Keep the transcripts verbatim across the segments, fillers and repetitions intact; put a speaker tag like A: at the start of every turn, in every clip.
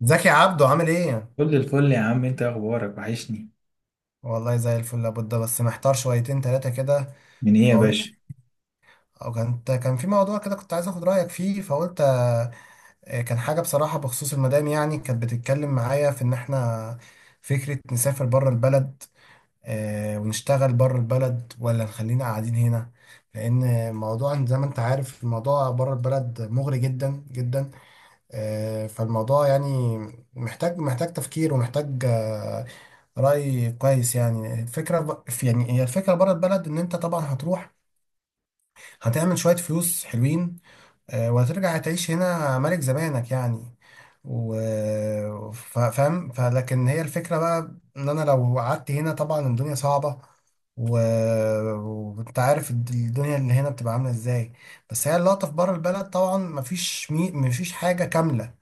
A: زكي عبده عامل ايه؟
B: كل الفل يا عم، انت اخبارك وحشني.
A: والله زي الفل لابد بس محتار شويتين تلاتة كده
B: من ايه يا باشا؟
A: فقلت او كان كان في موضوع كده كنت عايز اخد رأيك فيه فقلت آه، كان حاجة بصراحة بخصوص المدام، يعني كانت بتتكلم معايا في ان احنا فكرة نسافر بره البلد، آه، ونشتغل بره البلد ولا نخلينا قاعدين هنا، لان موضوع زي ما انت عارف الموضوع بره البلد مغري جدا جدا. آه، فالموضوع يعني محتاج محتاج تفكير ومحتاج آه، رأي كويس، يعني الفكرة ب- في يعني هي الفكرة بره البلد، إن أنت طبعا هتروح هتعمل شوية فلوس حلوين، آه، وهترجع تعيش هنا ملك زمانك يعني. و ف- فاهم، فلكن هي الفكرة بقى ان انا لو قعدت هنا طبعا الدنيا صعبة، و... وانت عارف الد- الدنيا اللي هنا بتبقى عاملة ازاي، بس هي اللقطة في بره البلد، طبعا مفيش مي... مفيش حاجة كاملة.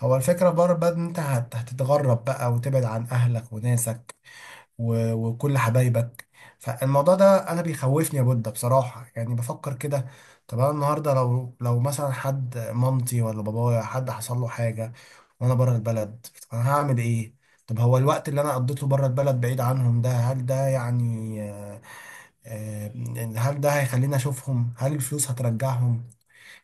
A: هو الفكرة بره البلد ان انت هت... هتتغرب بقى، وتبعد عن اهلك وناسك و- وكل حبايبك. فالموضوع ده انا بيخوفني يا بودة بصراحة، يعني بفكر كده. طب انا النهارده لو لو مثلا حد، مامتي ولا بابايا، حد حصل له حاجة وانا بره البلد، انا هعمل ايه؟ طب هو الوقت اللي انا قضيته بره البلد بعيد عنهم ده هل ده يعني آه، آه، هل ده هيخليني اشوفهم؟ هل الفلوس هترجعهم؟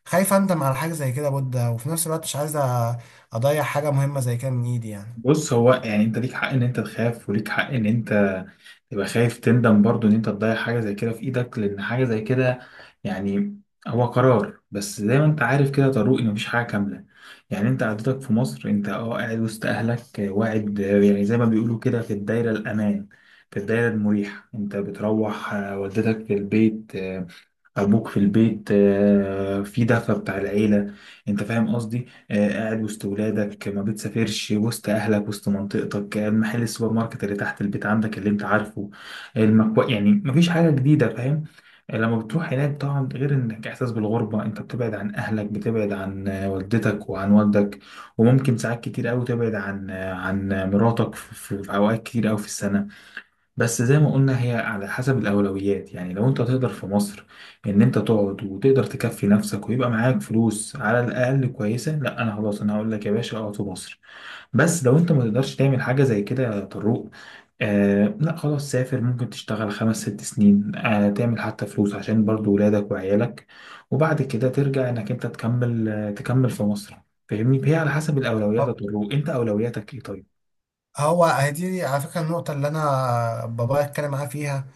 A: خايف اندم على حاجة زي كده يا بودة، وفي نفس الوقت مش عايز أ- اضيع حاجة مهمة زي كده من ايدي يعني.
B: بص، هو يعني انت ليك حق ان انت تخاف، وليك حق ان انت تبقى خايف تندم برضو ان انت تضيع حاجة زي كده في ايدك، لان حاجة زي كده يعني هو قرار. بس زي ما انت عارف كده يا طارق، ان مفيش حاجة كاملة. يعني انت قعدتك في مصر، انت اه قاعد وسط اهلك، اه، واعد، اه، يعني زي ما بيقولوا كده في الدايرة الامان، في الدايرة المريحة. انت بتروح، اه، والدتك في البيت، ابوك في البيت، آه، في دفى بتاع العيله. انت فاهم قصدي؟ آه، قاعد وسط ولادك، ما بتسافرش، وسط اهلك، وسط منطقتك، آه، محل السوبر ماركت اللي تحت البيت عندك اللي انت عارفه. المكو... يعني مفيش حاجه جديده، فاهم؟ آه، لما بتروح هناك طبعا، غير انك احساس بالغربه، انت بتبعد عن اهلك، بتبعد عن آه، والدتك وعن والدك، وممكن ساعات كتير قوي تبعد عن آه، عن مراتك في في- في اوقات كتير قوي في السنه. بس زي ما قلنا، هي على حسب الأولويات. يعني لو أنت تقدر في مصر إن أنت تقعد وتقدر تكفي نفسك ويبقى معاك فلوس على الأقل كويسة، لا، أنا خلاص أنا هقول لك يا باشا اقعد في مصر. بس لو أنت ما تقدرش تعمل حاجة زي كده يا طروق، آه لا خلاص سافر. ممكن تشتغل خمس ست سنين، آه، تعمل حتى فلوس عشان برضو ولادك وعيالك، وبعد كده ترجع إنك أنت تكمل، آه تكمل في مصر. فاهمني؟ هي على حسب الأولويات يا طروق، أنت أولوياتك إيه طيب؟
A: هو هدي على فكرة النقطة اللي أنا بابايا اتكلم معاه فيها،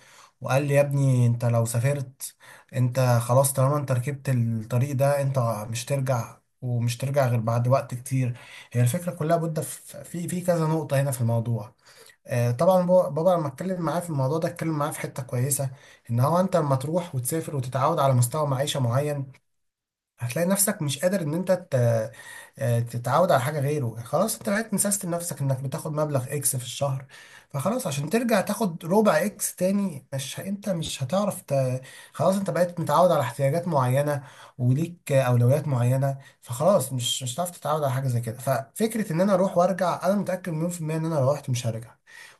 A: وقال لي يا ابني أنت لو سافرت أنت خلاص، طالما أنت ركبت الطريق ده أنت مش ترجع، ومش ترجع غير بعد وقت كتير. هي الفكرة كلها بودة في في في كذا نقطة هنا في الموضوع. آه، طبعا بو- بابا لما اتكلم معاه في الموضوع ده اتكلم معاه في حتة كويسة، إن هو أنت لما تروح وتسافر وتتعود على مستوى معيشة معين، هتلاقي نفسك مش قادر ان انت ت- آه، تتعود على حاجه غيره، يعني خلاص انت بقيت مسيستم نفسك انك بتاخد مبلغ اكس في الشهر، فخلاص عشان ترجع تاخد ربع اكس تاني مش ه- انت مش هتعرف ت... خلاص انت بقيت متعود على احتياجات معينه، وليك آه، اولويات معينه، فخلاص مش مش هتعرف تتعود على حاجه زي كده. ففكره ان انا اروح وارجع، انا متاكد مليون في الميه ان انا لو رحت مش هرجع.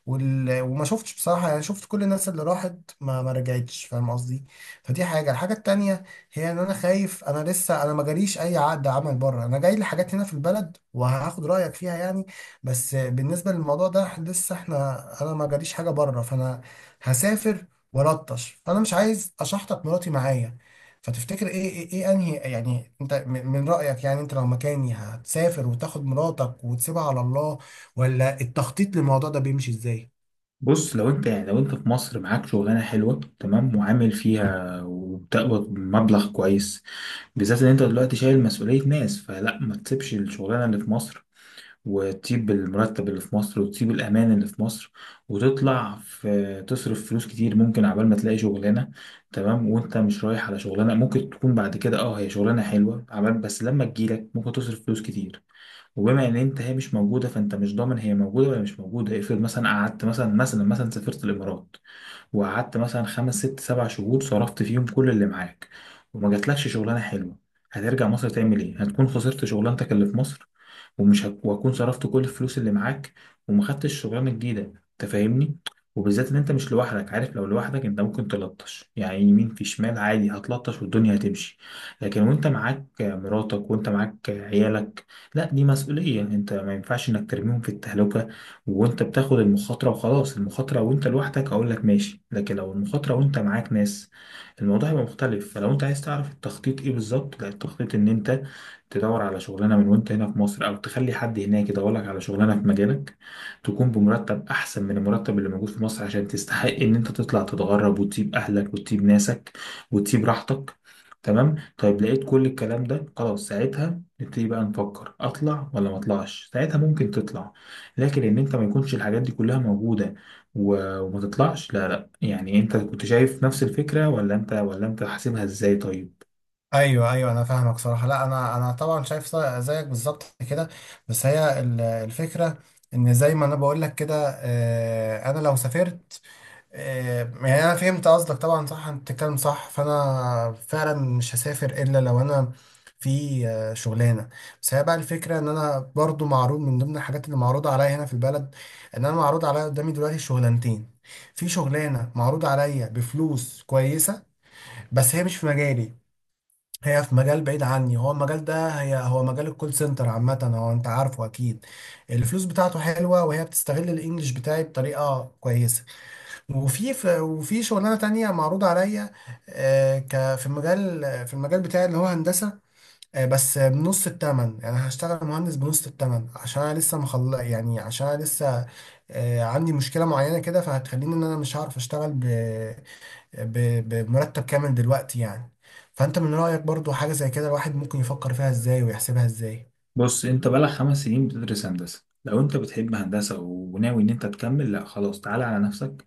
A: وال... وما شفتش بصراحه، يعني شفت كل الناس اللي راحت ما ما رجعتش، فاهم قصدي؟ فدي حاجه. الحاجه التانيه هي ان انا خايف، انا لسه انا ما جاليش اي عقد عمل بره، انا جاي لي حاجات هنا في البلد وهاخد رايك فيها يعني. بس بالنسبه للموضوع ده لسه احنا، انا ما جاليش حاجه بره، فانا هسافر ولطش، فانا مش عايز اشحطك مراتي معايا. فتفتكر ايه، ايه, إيه انهي يعني، انت من من رايك يعني انت لو مكاني هتسافر وتاخد مراتك وتسيبها على الله، ولا التخطيط للموضوع ده بيمشي ازاي؟
B: بص لو انت يعني لو انت في مصر معاك شغلانه حلوه تمام، وعامل فيها وبتقبض مبلغ كويس، بالذات ان انت دلوقتي شايل مسؤوليه ناس، فلا، ما تسيبش الشغلانه اللي في مصر، وتسيب المرتب اللي في مصر، وتسيب الامان اللي في مصر، وتطلع في تصرف فلوس كتير ممكن عبال ما تلاقي شغلانه. تمام؟ وانت مش رايح على شغلانه، ممكن تكون بعد كده اه هي شغلانه حلوه، عبال بس لما تجيلك ممكن تصرف فلوس كتير. وبما ان انت هي مش موجوده، فانت مش ضامن هي موجوده ولا مش موجوده. افرض مثلا قعدت مثلا، مثلا مثلا سافرت الامارات، وقعدت مثلا خمس ست سبع شهور، صرفت فيهم كل اللي معاك، وما جاتلكش شغلانه حلوه، هترجع مصر تعمل ايه؟ هتكون خسرت شغلانتك اللي في مصر، ومش هك... وهكون صرفت كل الفلوس اللي معاك، وما خدتش شغلانه جديده. انت فاهمني؟ وبالذات ان انت مش لوحدك، عارف؟ لو لوحدك انت ممكن تلطش يعني يمين في شمال عادي، هتلطش والدنيا هتمشي. لكن وانت معاك مراتك، وانت معاك عيالك، لا، دي مسؤولية، انت ما ينفعش انك ترميهم في التهلكة وانت بتاخد المخاطرة. وخلاص، المخاطرة وانت لوحدك اقول لك ماشي، لكن لو المخاطرة وانت معاك ناس، الموضوع هيبقى مختلف. فلو انت عايز تعرف التخطيط ايه بالظبط، لا، التخطيط ان انت تدور على شغلانة من وانت هنا في مصر، او تخلي حد هناك يدور لك على شغلانة في مجالك، تكون بمرتب احسن من المرتب اللي موجود في مصر، عشان تستحق ان انت تطلع تتغرب، وتسيب اهلك وتسيب ناسك وتسيب راحتك. تمام؟ طيب لقيت كل الكلام ده خلاص، ساعتها نبتدي بقى نفكر اطلع ولا ما اطلعش. ساعتها ممكن تطلع، لكن ان انت ما يكونش الحاجات دي كلها موجوده، و- وما تطلعش، لا لا. يعني انت كنت شايف نفس الفكره ولا انت ولا انت حاسبها ازاي طيب؟
A: ايوه ايوه انا فاهمك صراحه. لا انا، انا طبعا شايف زي- زيك بالظبط كده. بس هي ال- الفكره ان زي ما انا بقول لك كده، آه، انا لو سافرت، آه، يعني انا فهمت قصدك طبعا. صح، انت بتتكلم صح. فانا فعلا مش هسافر الا لو انا في آه، شغلانه. بس هي بقى الفكره ان انا برضو معروض، من ضمن الحاجات اللي معروضه عليا هنا في البلد ان انا معروض عليا قدامي دلوقتي شغلانتين. في شغلانه معروض عليا بفلوس كويسه، بس هي مش في مجالي، هي في مجال بعيد عني. هو المجال ده هي هو مجال الكول سنتر عامة، هو انت عارفه اكيد، الفلوس بتاعته حلوة، وهي بتستغل الانجليش بتاعي بطريقة كويسة. وفي ف- وفي شغلانة تانية معروضة عليا، آه، ك- في المجال في المجال بتاعي اللي هو هندسة، آه، بس بنص التمن، يعني هشتغل مهندس بنص التمن عشان انا لسه مخل، يعني عشان انا لسه آه، عندي مشكلة معينة كده، فهتخليني ان انا مش هعرف اشتغل ب- بمرتب كامل دلوقتي يعني. فانت من رأيك برضو حاجة زي كده الواحد ممكن يفكر فيها ازاي ويحسبها ازاي؟
B: بص انت بقالك خمس سنين بتدرس هندسه، لو انت بتحب هندسه وناوي ان انت تكمل، لا خلاص، تعالى على نفسك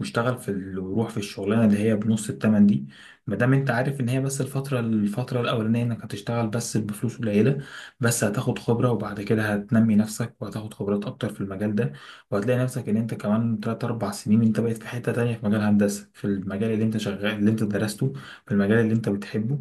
B: واشتغل في ال... وروح في الشغلانه اللي هي بنص التمن دي، ما دام انت عارف ان هي بس الفتره، الفتره الاولانيه انك هتشتغل بس بفلوس قليله، بس هتاخد خبره، وبعد كده هتنمي نفسك وهتاخد خبرات اكتر في المجال ده. وهتلاقي نفسك ان انت كمان تلاتة أربعة سنين انت بقيت في حته تانية في مجال هندسه، في المجال اللي انت شغال، اللي انت درسته، في المجال اللي انت بتحبه.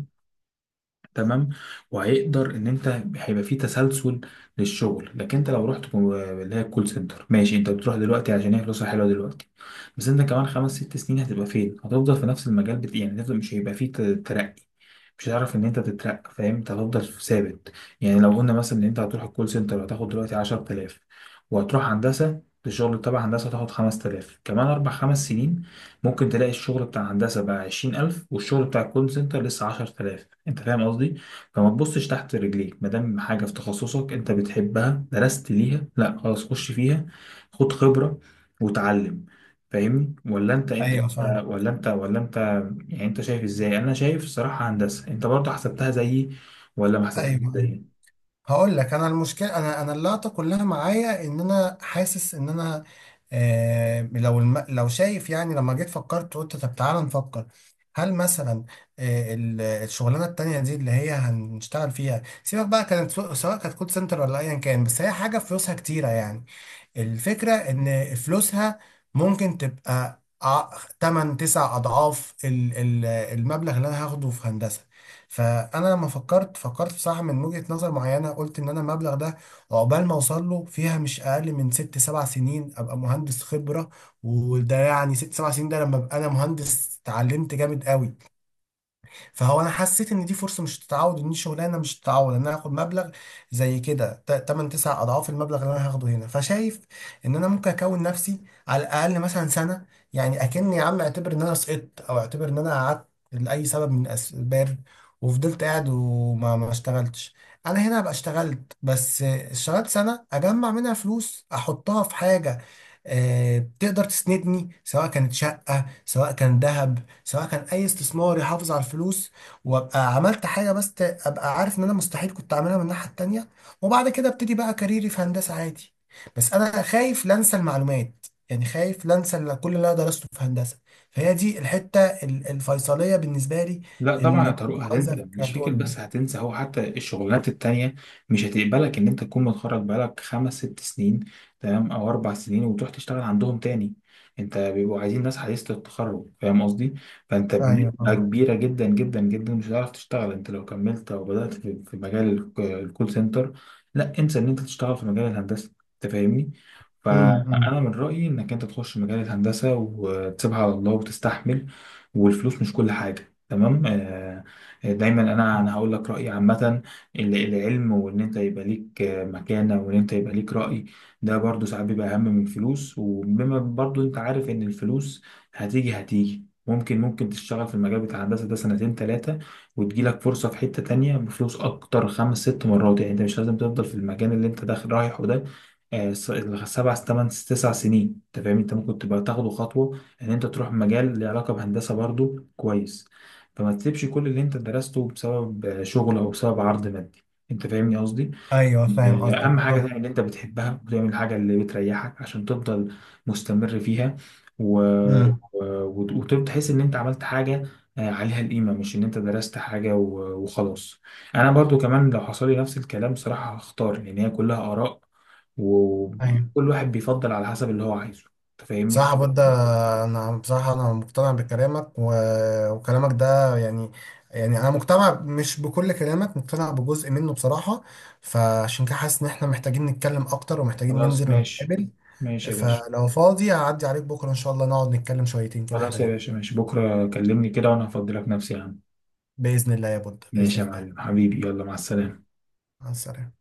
B: تمام؟ وهيقدر ان انت هيبقى في تسلسل للشغل. لكن انت لو رحت كو- اللي هي الكول سنتر، ماشي، انت بتروح دلوقتي عشان هي فلوسها حلوه دلوقتي، بس انت كمان خمس ست سنين هتبقى فين؟ هتفضل في نفس المجال، بت... يعني هتفضل- مش هيبقى فيه ت- ترقي، مش هتعرف ان انت تترقى، فاهم؟ انت هتفضل ثابت. يعني لو قلنا مثلا ان انت هتروح الكول سنتر هتاخد دلوقتي عشر تلاف، وهتروح هندسه، الشغل تبع هندسه هتاخد خمس تلاف كمان اربع خمس سنين. ممكن تلاقي الشغل بتاع هندسة بقى عشرين ألف، والشغل بتاع الكول سنتر لسه عشر تلاف. أنت فاهم قصدي؟ فما تبصش تحت رجليك، مادام حاجة في تخصصك أنت بتحبها درست ليها، لأ خلاص، خش فيها، خد خبرة وتعلم. فاهمني؟ ولا أنت أنت
A: ايوه
B: أنت-
A: فاهم.
B: ولا أنت ولا أنت يعني أنت شايف إزاي؟ أنا شايف الصراحة هندسة، أنت برضه حسبتها زيي ولا ما حسبتهاش
A: ايوه ايوه
B: زيي؟
A: هقول لك، انا المشكله، انا انا اللقطه كلها معايا ان انا حاسس ان انا آه لو الم... لو شايف يعني لما جيت فكرت قلت طب تعالى نفكر هل مثلا آه ال- الشغلانه التانيه دي اللي هي هنشتغل فيها، سيبك بقى كانت سو- سواء كانت كول سنتر ولا ايا كان، بس هي حاجه فلوسها كتيره يعني، الفكرة ان فلوسها ممكن تبقى ثماني تسع اضعاف ال- ال- المبلغ اللي انا هاخده في هندسة. فانا لما فكرت، فكرت بصراحة من وجهة نظر معينة، قلت ان انا المبلغ ده عقبال ما اوصل له فيها مش اقل من ست سبع سنين ابقى مهندس خبرة، وده يعني ست سبع سنين ده لما ابقى انا مهندس اتعلمت جامد قوي. فهو انا حسيت ان دي فرصه مش تتعوض، ان دي شغلانه مش تتعوض، ان انا هاخد مبلغ زي كده ثماني تسعة اضعاف المبلغ اللي انا هاخده هنا. فشايف ان انا ممكن اكون نفسي على الاقل مثلا سنه، يعني اكني يا عم اعتبر ان انا سقطت، او اعتبر ان انا قعدت لاي سبب من الاسباب وفضلت قاعد وما ما اشتغلتش، انا هنا ابقى اشتغلت، بس اشتغلت سنه اجمع منها فلوس احطها في حاجه آه، تقدر تسندني، سواء كانت شقة، سواء كان ذهب، سواء كان اي استثمار يحافظ على الفلوس، وابقى عملت حاجه بس ت- ابقى عارف ان انا مستحيل كنت اعملها من الناحيه التانيه، وبعد كده ابتدي بقى كاريري في هندسه عادي. بس انا خايف لا انسى المعلومات، يعني خايف لا انسى ال- كل اللي انا درسته في هندسه. فهي دي الحته ال- الفيصليه بالنسبه لي،
B: لا طبعا يا
A: اللي
B: طارق
A: عايزك
B: هتنسى، مش فكرة
A: هتقول
B: بس
A: لي.
B: هتنسى، هو حتى الشغلانات التانية مش هتقبلك ان انت تكون متخرج بقالك خمس ست سنين، تمام، او اربع سنين، وتروح تشتغل عندهم تاني. انت بيبقوا عايزين ناس حديثة التخرج، فاهم قصدي؟ فانت
A: ايوه
B: بنسبة كبيرة جدا جدا جدا مش هتعرف تشتغل، انت لو كملت او بدأت في في مجال الك- الكول سنتر. لا انسى ان انت تشتغل في مجال الهندسة، انت فاهمني؟
A: امم امم.
B: فانا من رأيي انك انت تخش مجال الهندسة وتسيبها على الله، وتستحمل. والفلوس مش كل حاجة. تمام؟ آه، آه، دايما، انا انا هقول لك رايي عامه، ال- العلم، وان انت يبقى ليك آه، مكانه، وان انت يبقى ليك راي، ده برضو ساعات بيبقى اهم من الفلوس. وبما برضو انت عارف ان الفلوس هتيجي هتيجي، ممكن ممكن تشتغل في المجال بتاع الهندسه ده سنتين ثلاثه، وتجيلك فرصه في حته تانية بفلوس اكتر خمس ست مرات. يعني انت مش لازم تفضل في المكان اللي انت داخل رايحه ده آه، س- سبع ثمان تسع سنين. انت فاهم؟ انت ممكن تبقى تاخده خطوه ان انت تروح مجال له علاقه بهندسه برضو كويس. فما تسيبش كل اللي انت درسته بسبب شغل او بسبب عرض مادي. انت فاهمني قصدي؟
A: ايوه فاهم
B: آه،
A: قصدك
B: اهم حاجه
A: صح.
B: تعمل اللي انت بتحبها، وتعمل الحاجه اللي بتريحك عشان تفضل مستمر فيها، و...
A: امم
B: و... وتحس ان انت عملت حاجه آه، عليها القيمه، مش ان انت درست حاجه و... وخلاص. انا برضو كمان لو حصل لي نفس الكلام صراحه هختار، لان هي كلها اراء،
A: ايوه
B: وكل واحد بيفضل على حسب اللي هو عايزه. انت فاهمني؟
A: صح ده. انا بصراحه انا مقتنع بكلامك، و... وكلامك ده يعني، يعني انا مقتنع مش بكل كلامك، مقتنع بجزء منه بصراحه، فعشان كده حاسس ان احنا محتاجين نتكلم اكتر ومحتاجين
B: خلاص،
A: ننزل
B: ماشي.
A: ونتقابل.
B: ماشي يا باشا.
A: فلو فاضي هعدي عليك بكره ان شاء الله نقعد نتكلم شويتين كده
B: خلاص يا
A: حلوين.
B: باشا، ماشي، بكرة كلمني كده وأنا هفضلك نفسي يا عم.
A: باذن الله يا بود،
B: ماشي
A: باذن
B: يا
A: الله.
B: معلم حبيبي، يلا مع السلامة.
A: مع السلامه.